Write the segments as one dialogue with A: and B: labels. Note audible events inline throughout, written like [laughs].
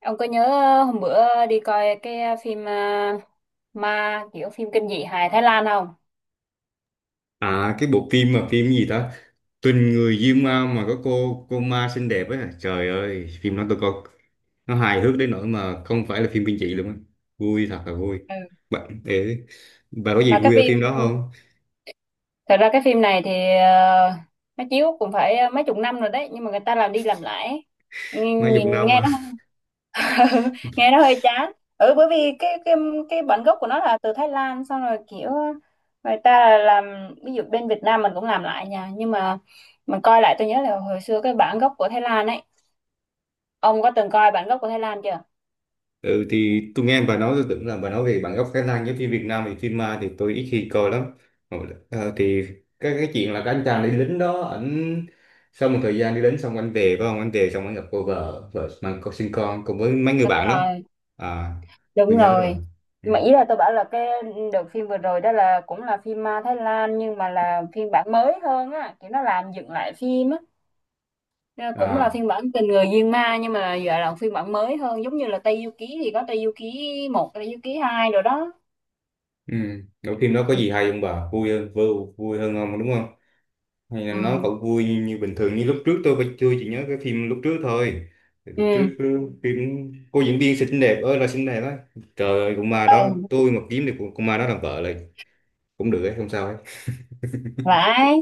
A: Ông có nhớ hôm bữa đi coi cái phim à, ma kiểu phim kinh dị hài Thái Lan không?
B: À, cái bộ phim mà phim gì đó, Tình người Diêm Ma, mà có cô ma xinh đẹp ấy à. Trời ơi, phim đó tôi coi nó hài hước đến nỗi mà không phải là phim kinh dị luôn á, vui thật là vui.
A: Ừ.
B: Bạn để, bà có gì
A: Mà cái
B: vui ở
A: phim
B: phim đó không?
A: thật ra cái phim này thì ờ, nó chiếu cũng phải mấy chục năm rồi đấy, nhưng mà người ta làm đi làm lại.
B: Má
A: Nhìn,
B: Dục
A: nhìn
B: Năm.
A: nghe nó [laughs] nghe nó hơi chán. Ừ, bởi vì cái cái bản gốc của nó là từ Thái Lan, xong rồi kiểu người ta làm ví dụ bên Việt Nam mình cũng làm lại nha, nhưng mà mình coi lại tôi nhớ là hồi xưa cái bản gốc của Thái Lan ấy. Ông có từng coi bản gốc của Thái Lan chưa?
B: Ừ, thì tôi nghe bà nói tôi tưởng là bà nói về bản gốc Thái Lan, giống như Việt Nam thì phim ma thì tôi ít khi coi lắm. Ờ, thì cái chuyện là cái anh chàng đi lính đó ảnh, sau một thời gian đi lính xong anh về, phải không, anh về xong anh gặp cô vợ, vợ mang con sinh con cùng với mấy người
A: Đúng
B: bạn đó.
A: rồi.
B: À,
A: Đúng
B: tôi nhớ rồi.
A: rồi.
B: Ừ.
A: Nhưng mà ý là tôi bảo là cái đợt phim vừa rồi đó là cũng là phim ma Thái Lan, nhưng mà là phiên bản mới hơn á, kiểu nó làm dựng lại phim á. Nên là cũng là
B: À.
A: phiên bản Tình Người Diên Ma, nhưng mà giờ là phiên bản mới hơn, giống như là Tây Du Ký thì có Tây Du Ký một, Tây Du Ký hai rồi đó.
B: Ừ. Cái phim đó có
A: Ừ.
B: gì hay không bà, vui hơn vui, vui hơn không đúng không, hay là nó
A: Ừ.
B: vẫn vui như bình thường như lúc trước? Tôi chỉ nhớ cái phim lúc trước thôi. Thì lúc
A: Ừ.
B: trước cứ phim cô diễn viên xinh đẹp ơi là xinh đẹp á, trời ơi cũng ma đó,
A: Ừ,
B: tôi mà kiếm được con ma đó làm vợ là cũng được ấy, không sao ấy.
A: phải.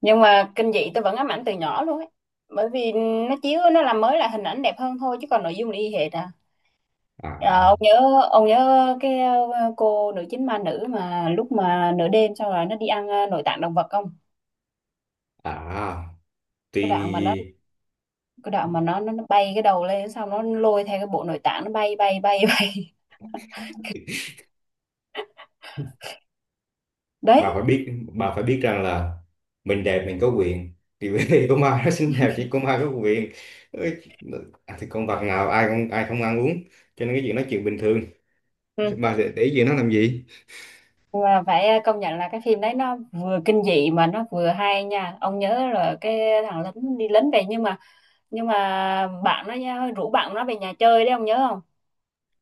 A: Nhưng mà kinh dị tôi vẫn ám ảnh từ nhỏ luôn ấy, bởi vì nó chiếu nó làm mới là hình ảnh đẹp hơn thôi, chứ còn nội dung là y hệt à. Ờ, ông
B: à
A: nhớ, ông nhớ cái cô nữ chính ma nữ mà lúc mà nửa đêm xong rồi nó đi ăn nội tạng động vật không?
B: à thì
A: Cái đoạn mà nó, cái đoạn mà nó nó bay cái đầu lên xong nó lôi theo cái bộ nội tạng, nó bay bay bay [laughs] bay.
B: bà
A: Đấy.
B: phải biết bà phải biết rằng là mình đẹp mình có quyền, thì [laughs] bởi vì con ma nó xinh đẹp, chỉ con ma có quyền. Ôi, à, thì con vật nào ai không ăn uống, cho nên cái chuyện nói chuyện bình thường,
A: Ừ.
B: bà để ý gì nó làm gì.
A: Và phải công nhận là cái phim đấy nó vừa kinh dị mà nó vừa hay nha. Ông nhớ là cái thằng lính đi lính về, nhưng mà bạn nó nha, rủ bạn nó về nhà chơi đấy, ông nhớ không?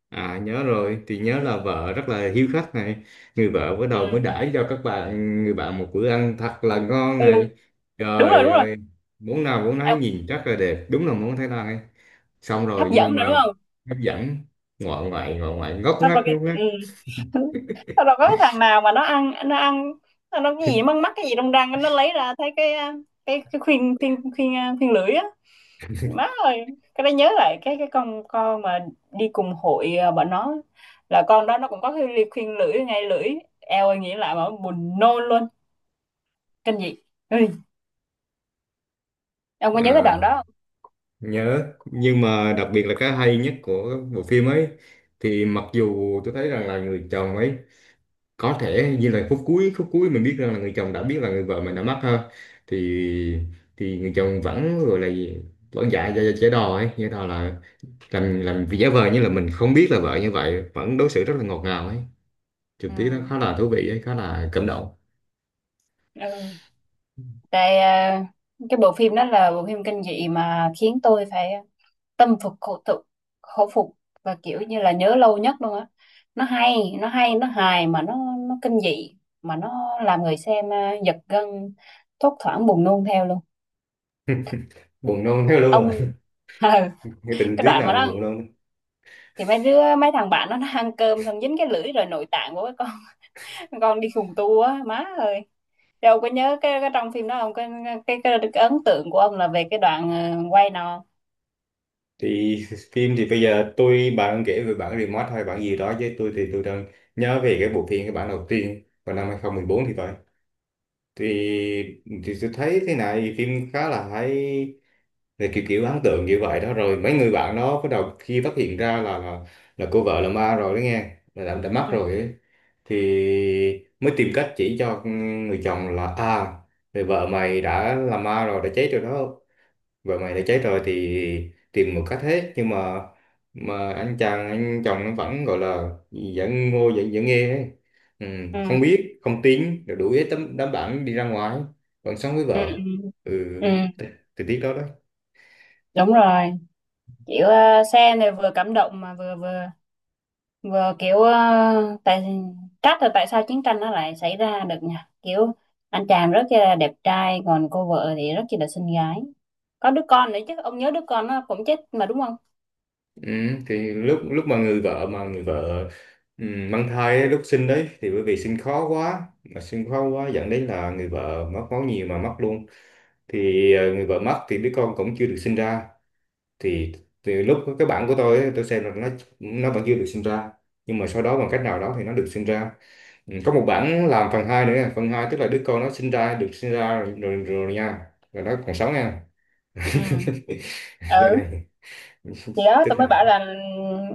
B: À nhớ rồi, thì nhớ là vợ rất là hiếu khách này, người vợ bắt đầu mới
A: Ừ.
B: đãi cho các bạn, người bạn một bữa ăn thật là ngon
A: Ừ,
B: này.
A: đúng rồi,
B: Trời
A: đúng rồi.
B: ơi, món nào món nấy
A: Em-
B: nhìn rất là đẹp, đúng là món Thái Lan ấy. Xong
A: Hấp
B: rồi
A: dẫn
B: nhưng
A: rồi đúng
B: mà
A: không?
B: hấp dẫn, ngoại ngoại ngoại ngoại ngóc
A: Xong rồi
B: ngách
A: cái
B: ngóc ngách.
A: ừ. [laughs] Xong rồi có cái thằng nào mà nó ăn nó ăn, nó cái gì mắc mắc cái gì trong răng, nó lấy ra thấy cái à, cái khuyên khuyên khuyên à, khuyên lưỡi á, má ơi. Cái đó nhớ lại cái con mà đi cùng hội à, bọn nó là con đó nó cũng có cái ly khuyên lưỡi ngay lưỡi, eo ơi, nghĩ lại mà buồn nôn luôn. Kinh dị. Ừ, ông có nhớ cái đoạn
B: À
A: đó
B: nhớ, nhưng mà đặc biệt là cái hay nhất của bộ phim ấy, thì mặc dù tôi thấy rằng là người chồng ấy có thể như là phút cuối mình biết rằng là người chồng đã biết là người vợ mình đã mất ha, thì thì người chồng vẫn gọi là gì? Vẫn dạ dạ dạ giả đò ấy, giả đò là làm vì giả vờ như là mình không biết là vợ, như vậy vẫn đối xử rất là ngọt ngào ấy, trực tiếp nó
A: không?
B: khá là thú vị ấy, khá là cảm động.
A: Ừ. Ừ. Tại à, cái bộ phim đó là bộ phim kinh dị mà khiến tôi phải tâm phục khẩu phục, khẩu phục, và kiểu như là nhớ lâu nhất luôn á. Nó hay, nó hay, nó hài mà nó kinh dị mà nó làm người xem à, giật gân, thốt thoảng buồn nôn theo luôn.
B: Buồn nôn thế luôn rồi.
A: Ông [laughs] ừ,
B: [laughs] Cái tình
A: cái
B: tiết
A: đoạn
B: nào
A: mà
B: mà
A: nó,
B: buồn nôn?
A: thì mấy đứa mấy thằng bạn nó ăn cơm xong dính cái lưỡi rồi nội tạng của cái con [laughs] con đi khùng tu á, má ơi. Đâu có nhớ cái trong phim đó không, cái, cái, cái ấn tượng của ông là về cái đoạn quay nào?
B: Thì phim thì bây giờ tôi bạn kể về bản remote hay bản gì đó, chứ tôi thì tôi đang nhớ về cái bộ phim, cái bản đầu tiên vào năm 2014 thì phải, thì thì tôi thấy thế này, phim khá là hay, rồi kiểu kiểu ấn tượng như vậy đó, rồi mấy người bạn đó bắt đầu khi phát hiện ra là cô vợ là ma rồi đó, nghe là đã mất
A: Ừ.
B: rồi ấy. Thì mới tìm cách chỉ cho người chồng là, à, người vợ mày đã là ma rồi, đã chết rồi đó, vợ mày đã cháy rồi thì tìm một cách hết, nhưng mà anh chàng anh chồng nó vẫn gọi là vẫn ngô vẫn vẫn nghe ấy. Ừ,
A: Ừ.
B: không biết không tin rồi đuổi hết tấm đám bạn đi ra ngoài, vẫn sống với
A: Ừ. Ừ.
B: vợ. Ừ.
A: Ừ. Ừ,
B: t- thì tiếc đó đó.
A: đúng rồi, kiểu xe này vừa cảm động mà vừa vừa vừa kiểu tại trách là tại sao chiến tranh nó lại xảy ra được nhỉ, kiểu anh chàng rất là đẹp trai còn cô vợ thì rất chỉ là xinh gái, có đứa con nữa chứ, ông nhớ đứa con nó cũng chết mà đúng không?
B: Ừ, thì lúc lúc mà người vợ ừ, mang thai ấy, lúc sinh đấy thì bởi vì sinh khó quá mà sinh khó quá dẫn đến là người vợ mất máu nhiều mà mất luôn. Thì người vợ mất thì đứa con cũng chưa được sinh ra. Thì từ lúc cái bản của tôi ấy, tôi xem là nó vẫn chưa được sinh ra, nhưng mà sau đó bằng cách nào đó thì nó được sinh ra. Ừ, có một bản làm phần 2 nữa nha. Phần 2 tức là đứa con nó sinh ra được sinh ra rồi, rồi, rồi nha, rồi nó còn sống nha.
A: Ừ.
B: [laughs] Do
A: Ừ,
B: này.
A: thì
B: [laughs]
A: đó
B: Tức
A: tôi mới
B: là,
A: bảo là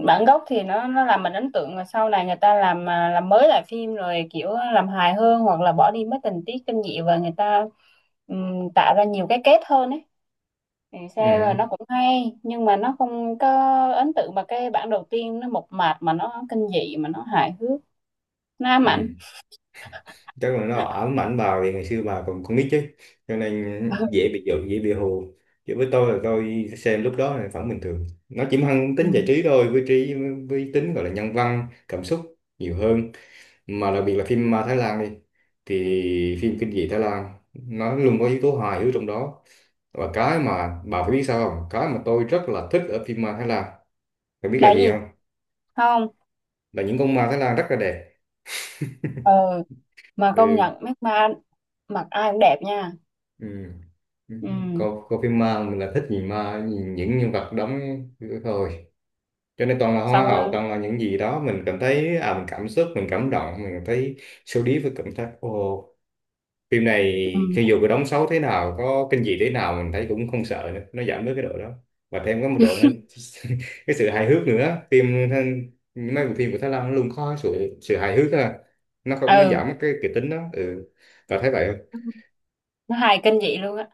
A: bản gốc thì nó làm mình ấn tượng, mà sau này người ta làm à, làm mới lại phim rồi kiểu làm hài hơn hoặc là bỏ đi mấy tình tiết kinh dị, và người ta tạo ra nhiều cái kết hơn ấy. Thì sao là
B: ừ,
A: nó cũng hay nhưng mà nó không có ấn tượng, mà cái bản đầu tiên nó mộc mạc mà nó kinh dị mà nó hài hước, nó ám ảnh.
B: ừ. Chắc là nó ám ảnh vào, thì ngày xưa bà còn con nít chứ, cho nên dễ
A: [laughs]
B: bị giận, dễ bị hù. Chứ với tôi là tôi xem lúc đó là vẫn bình thường, nó chỉ mang
A: Ừ.
B: tính giải trí thôi với trí, với tính gọi là nhân văn cảm xúc nhiều hơn. Mà đặc biệt là phim ma Thái Lan đi, thì phim kinh dị Thái Lan nó luôn có yếu tố hài hước trong đó. Và cái mà bà phải biết sao không, cái mà tôi rất là thích ở phim ma Thái Lan, bạn biết là
A: Đại
B: gì
A: gì?
B: không?
A: Không.
B: Là những con ma Thái Lan rất là đẹp.
A: Ừ, mà công
B: Ừ,
A: nhận mấy ma mặc ai cũng đẹp nha.
B: ừ.
A: Ừ.
B: Coi phim ma mình là thích nhìn ma, nhìn những nhân vật đóng thôi, cho nên toàn là
A: Xong
B: hoa hậu,
A: rồi-
B: toàn là những gì đó mình cảm thấy, à, mình cảm xúc mình cảm động mình cảm thấy sâu đi với cảm giác ồ, phim này
A: ừ.
B: khi dù có đóng xấu thế nào, có kinh dị thế nào, mình thấy cũng không sợ nữa, nó giảm bớt cái độ đó, và thêm có một độ nó [laughs] cái sự hài hước nữa. Mấy bộ phim của Thái Lan nó luôn có sự sự hài hước à, nó không nó
A: Ừ,
B: giảm cái kịch tính đó. Ừ. Và thấy vậy không?
A: nó hài kinh dị luôn á.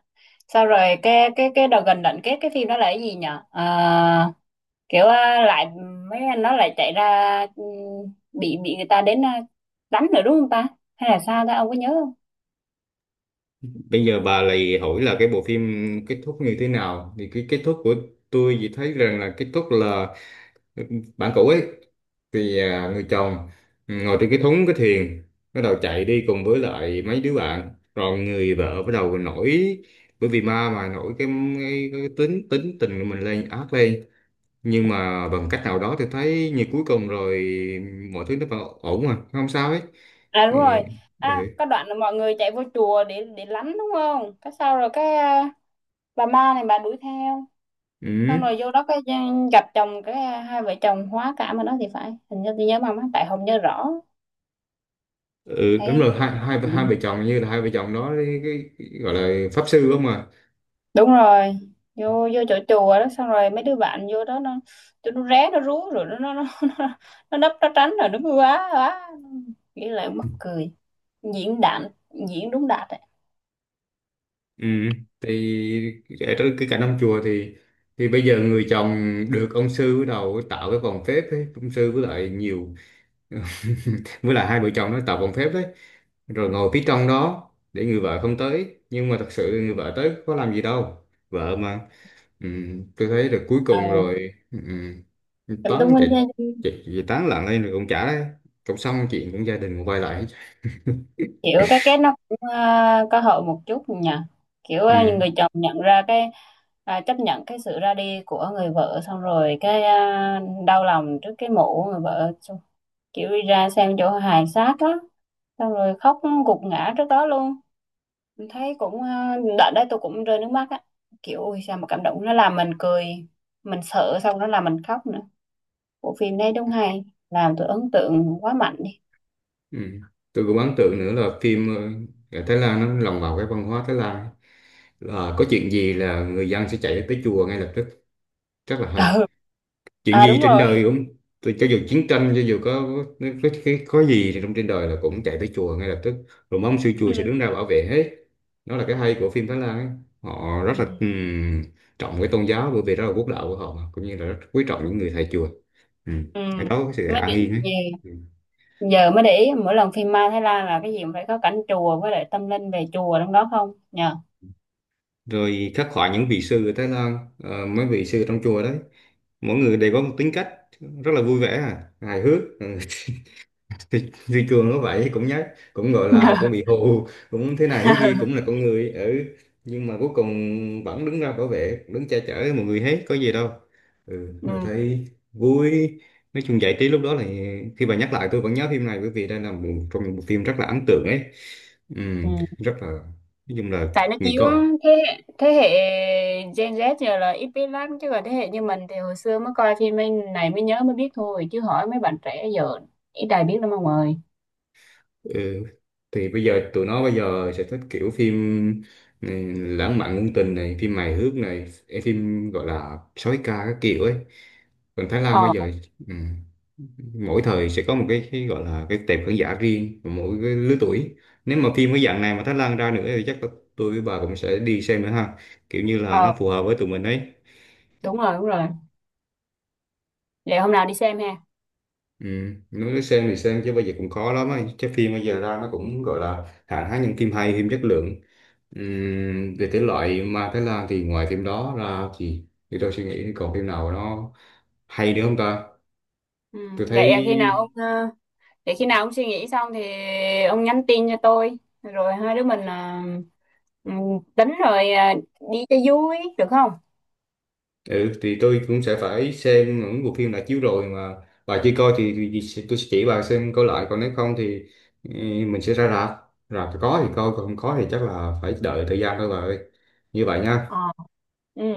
A: Sau rồi cái đầu gần đoạn kết cái phim đó là cái gì nhở? Ờ, kiểu à, lại mấy anh nó lại chạy ra ừ, bị người ta đến à, đánh nữa đúng không ta, hay là sao ta, ông có nhớ không?
B: Bây giờ bà lại hỏi là cái bộ phim kết thúc như thế nào, thì cái kết thúc của, tôi chỉ thấy rằng là kết thúc là bạn cũ ấy, thì à, người chồng, ừ, ngồi trên cái thúng cái thuyền bắt đầu chạy đi cùng với lại mấy đứa bạn, rồi người vợ bắt đầu nổi, bởi vì ma mà nổi cái tính tính tình của mình lên, ác lên, nhưng mà bằng cách nào đó thì thấy như cuối cùng rồi mọi thứ nó vẫn ổn mà không sao hết.
A: À đúng
B: Ừ,
A: rồi.
B: ừ,
A: À có đoạn là mọi người chạy vô chùa để lánh đúng không? Cái sau rồi cái à, bà ma này bà đuổi theo. Xong
B: ừ,
A: rồi vô đó cái gặp chồng, cái à, hai vợ chồng hóa cảm ở đó thì phải. Hình như tôi nhớ mà má, tại không nhớ rõ.
B: ừ, đúng
A: Thấy
B: rồi, hai hai hai vợ chồng như là hai vợ chồng đó, cái, gọi là pháp sư không à?
A: đúng rồi. Vô vô chỗ chùa đó xong rồi mấy đứa bạn vô đó nó, tụi nó ré nó rú rồi nó [laughs] nó, nó nấp nó tránh rồi, đúng quá quá. Nghĩ lại mắc cười. Diễn đạn, diễn đúng đạt ấy.
B: Ừ, thì ở trong cái cảnh ông chùa thì bây giờ người chồng được ông sư bắt đầu tạo cái vòng phép ấy. Ông sư với lại nhiều [laughs] với lại hai vợ chồng nó tạo vòng phép đấy, rồi ngồi phía trong đó để người vợ không tới, nhưng mà thật sự người vợ tới có làm gì đâu. Vợ mà. Ừ, tôi thấy là cuối cùng
A: Ừ.
B: rồi, ừ, ừ,
A: Em đúng
B: toán
A: anh,
B: chạy chạy chạy tán loạn lên rồi cũng chả, cũng xong chuyện, cũng gia đình cũng quay lại hết.
A: kiểu cái kết nó cũng có hậu một chút nhỉ, kiểu những
B: Ừ.
A: người chồng nhận ra cái à, chấp nhận cái sự ra đi của người vợ, xong rồi cái à, đau lòng trước cái mộ của người vợ, xong kiểu đi ra xem chỗ hài xác á, xong rồi khóc gục ngã trước đó luôn. Mình thấy cũng à, đợt đấy tôi cũng rơi nước mắt á, kiểu ui sao mà cảm động, nó làm mình cười, mình sợ xong nó làm mình khóc nữa. Bộ phim này đúng hay, làm tôi ấn tượng quá mạnh đi.
B: Ừ. Tôi cũng ấn tượng nữa là phim ở Thái Lan nó lồng vào cái văn hóa Thái Lan ấy. Là có chuyện gì là người dân sẽ chạy tới chùa ngay lập tức, rất là
A: [laughs]
B: hay.
A: Ừ.
B: Chuyện
A: À
B: gì
A: đúng
B: trên
A: rồi.
B: đời
A: [laughs]
B: cũng, tôi cho dù chiến tranh cho dù có, có gì thì trong trên đời là cũng chạy tới chùa ngay lập tức, rồi mong sư chùa
A: Ừ.
B: sẽ đứng ra bảo vệ hết. Đó là cái hay của phim Thái Lan ấy. Họ
A: Ừ.
B: rất là trọng cái tôn giáo, bởi vì đó là quốc đạo của họ, mà cũng như là rất quý trọng những người thầy chùa. Ừ.
A: Ừ,
B: Cái đó có sự
A: mới
B: an
A: để,
B: yên ấy.
A: giờ,
B: Ừ.
A: giờ mới để ý mỗi lần phim ma Thái Lan là cái gì cũng phải có cảnh chùa với lại tâm linh về chùa trong đó không nhờ.
B: Rồi khắc họa những vị sư ở Thái Lan, mấy vị sư trong chùa đấy, mỗi người đều có một tính cách, rất là vui vẻ, à, hài hước. Ừ. [laughs] Thì Cường nó vậy cũng nhát, cũng gọi là cũng bị hù, cũng thế này thế kia, cũng là
A: [laughs]
B: con người. Ừ. Nhưng mà cuối cùng vẫn đứng ra bảo vệ, đứng che chở mọi người hết, có gì đâu. Ừ. Rồi
A: Ừ.
B: thấy vui, nói chung giải trí lúc đó là, khi bà nhắc lại tôi vẫn nhớ phim này, bởi vì đây là một trong những bộ phim rất là ấn tượng ấy. Ừ.
A: Ừ.
B: Rất là, nói chung là
A: Tại nó
B: mình
A: chiếu
B: coi.
A: thế hệ Gen Z giờ là ít biết lắm, chứ còn thế hệ như mình thì hồi xưa mới coi phim anh này mới nhớ mới biết thôi, chứ hỏi mấy bạn trẻ giờ ít ai biết lắm ông ơi.
B: Ừ. Thì bây giờ tụi nó bây giờ sẽ thích kiểu phim, ừ, lãng mạn ngôn tình này, phim hài hước này, ê, phim gọi là sói ca các kiểu ấy. Còn Thái Lan
A: Ờ.
B: bây giờ, ừ, mỗi thời sẽ có một cái gọi là cái tệp khán giả riêng của mỗi cái lứa tuổi. Nếu mà phim cái dạng này mà Thái Lan ra nữa thì chắc là tôi với bà cũng sẽ đi xem nữa ha. Kiểu như là
A: Ờ
B: nó phù hợp với tụi mình ấy.
A: đúng rồi, đúng rồi, vậy hôm nào đi xem ha.
B: Ừ. Nói xem thì xem chứ bây giờ cũng khó lắm á. Chắc phim bây giờ ra nó cũng gọi là hạn hán những phim hay, phim chất lượng. Về thể loại ma Thái Lan thì ngoài phim đó ra thì tôi suy nghĩ thì còn phim nào nó hay nữa không ta?
A: Ừ.
B: Tôi thấy,
A: Vậy à, khi nào ông để khi nào ông suy nghĩ xong thì ông nhắn tin cho tôi rồi hai đứa mình à, ừ, tính rồi à, đi cho vui được không?
B: ừ, thì tôi cũng sẽ phải xem những bộ phim đã chiếu rồi mà bà chưa coi thì, tôi sẽ chỉ bà xem coi lại, còn nếu không thì ừ, mình sẽ ra rạp. Rạp thì có thì coi,
A: Ừ.
B: còn không có thì chắc là phải đợi thời gian thôi bà ơi. Như vậy
A: Ờ.
B: nha.
A: Ừ.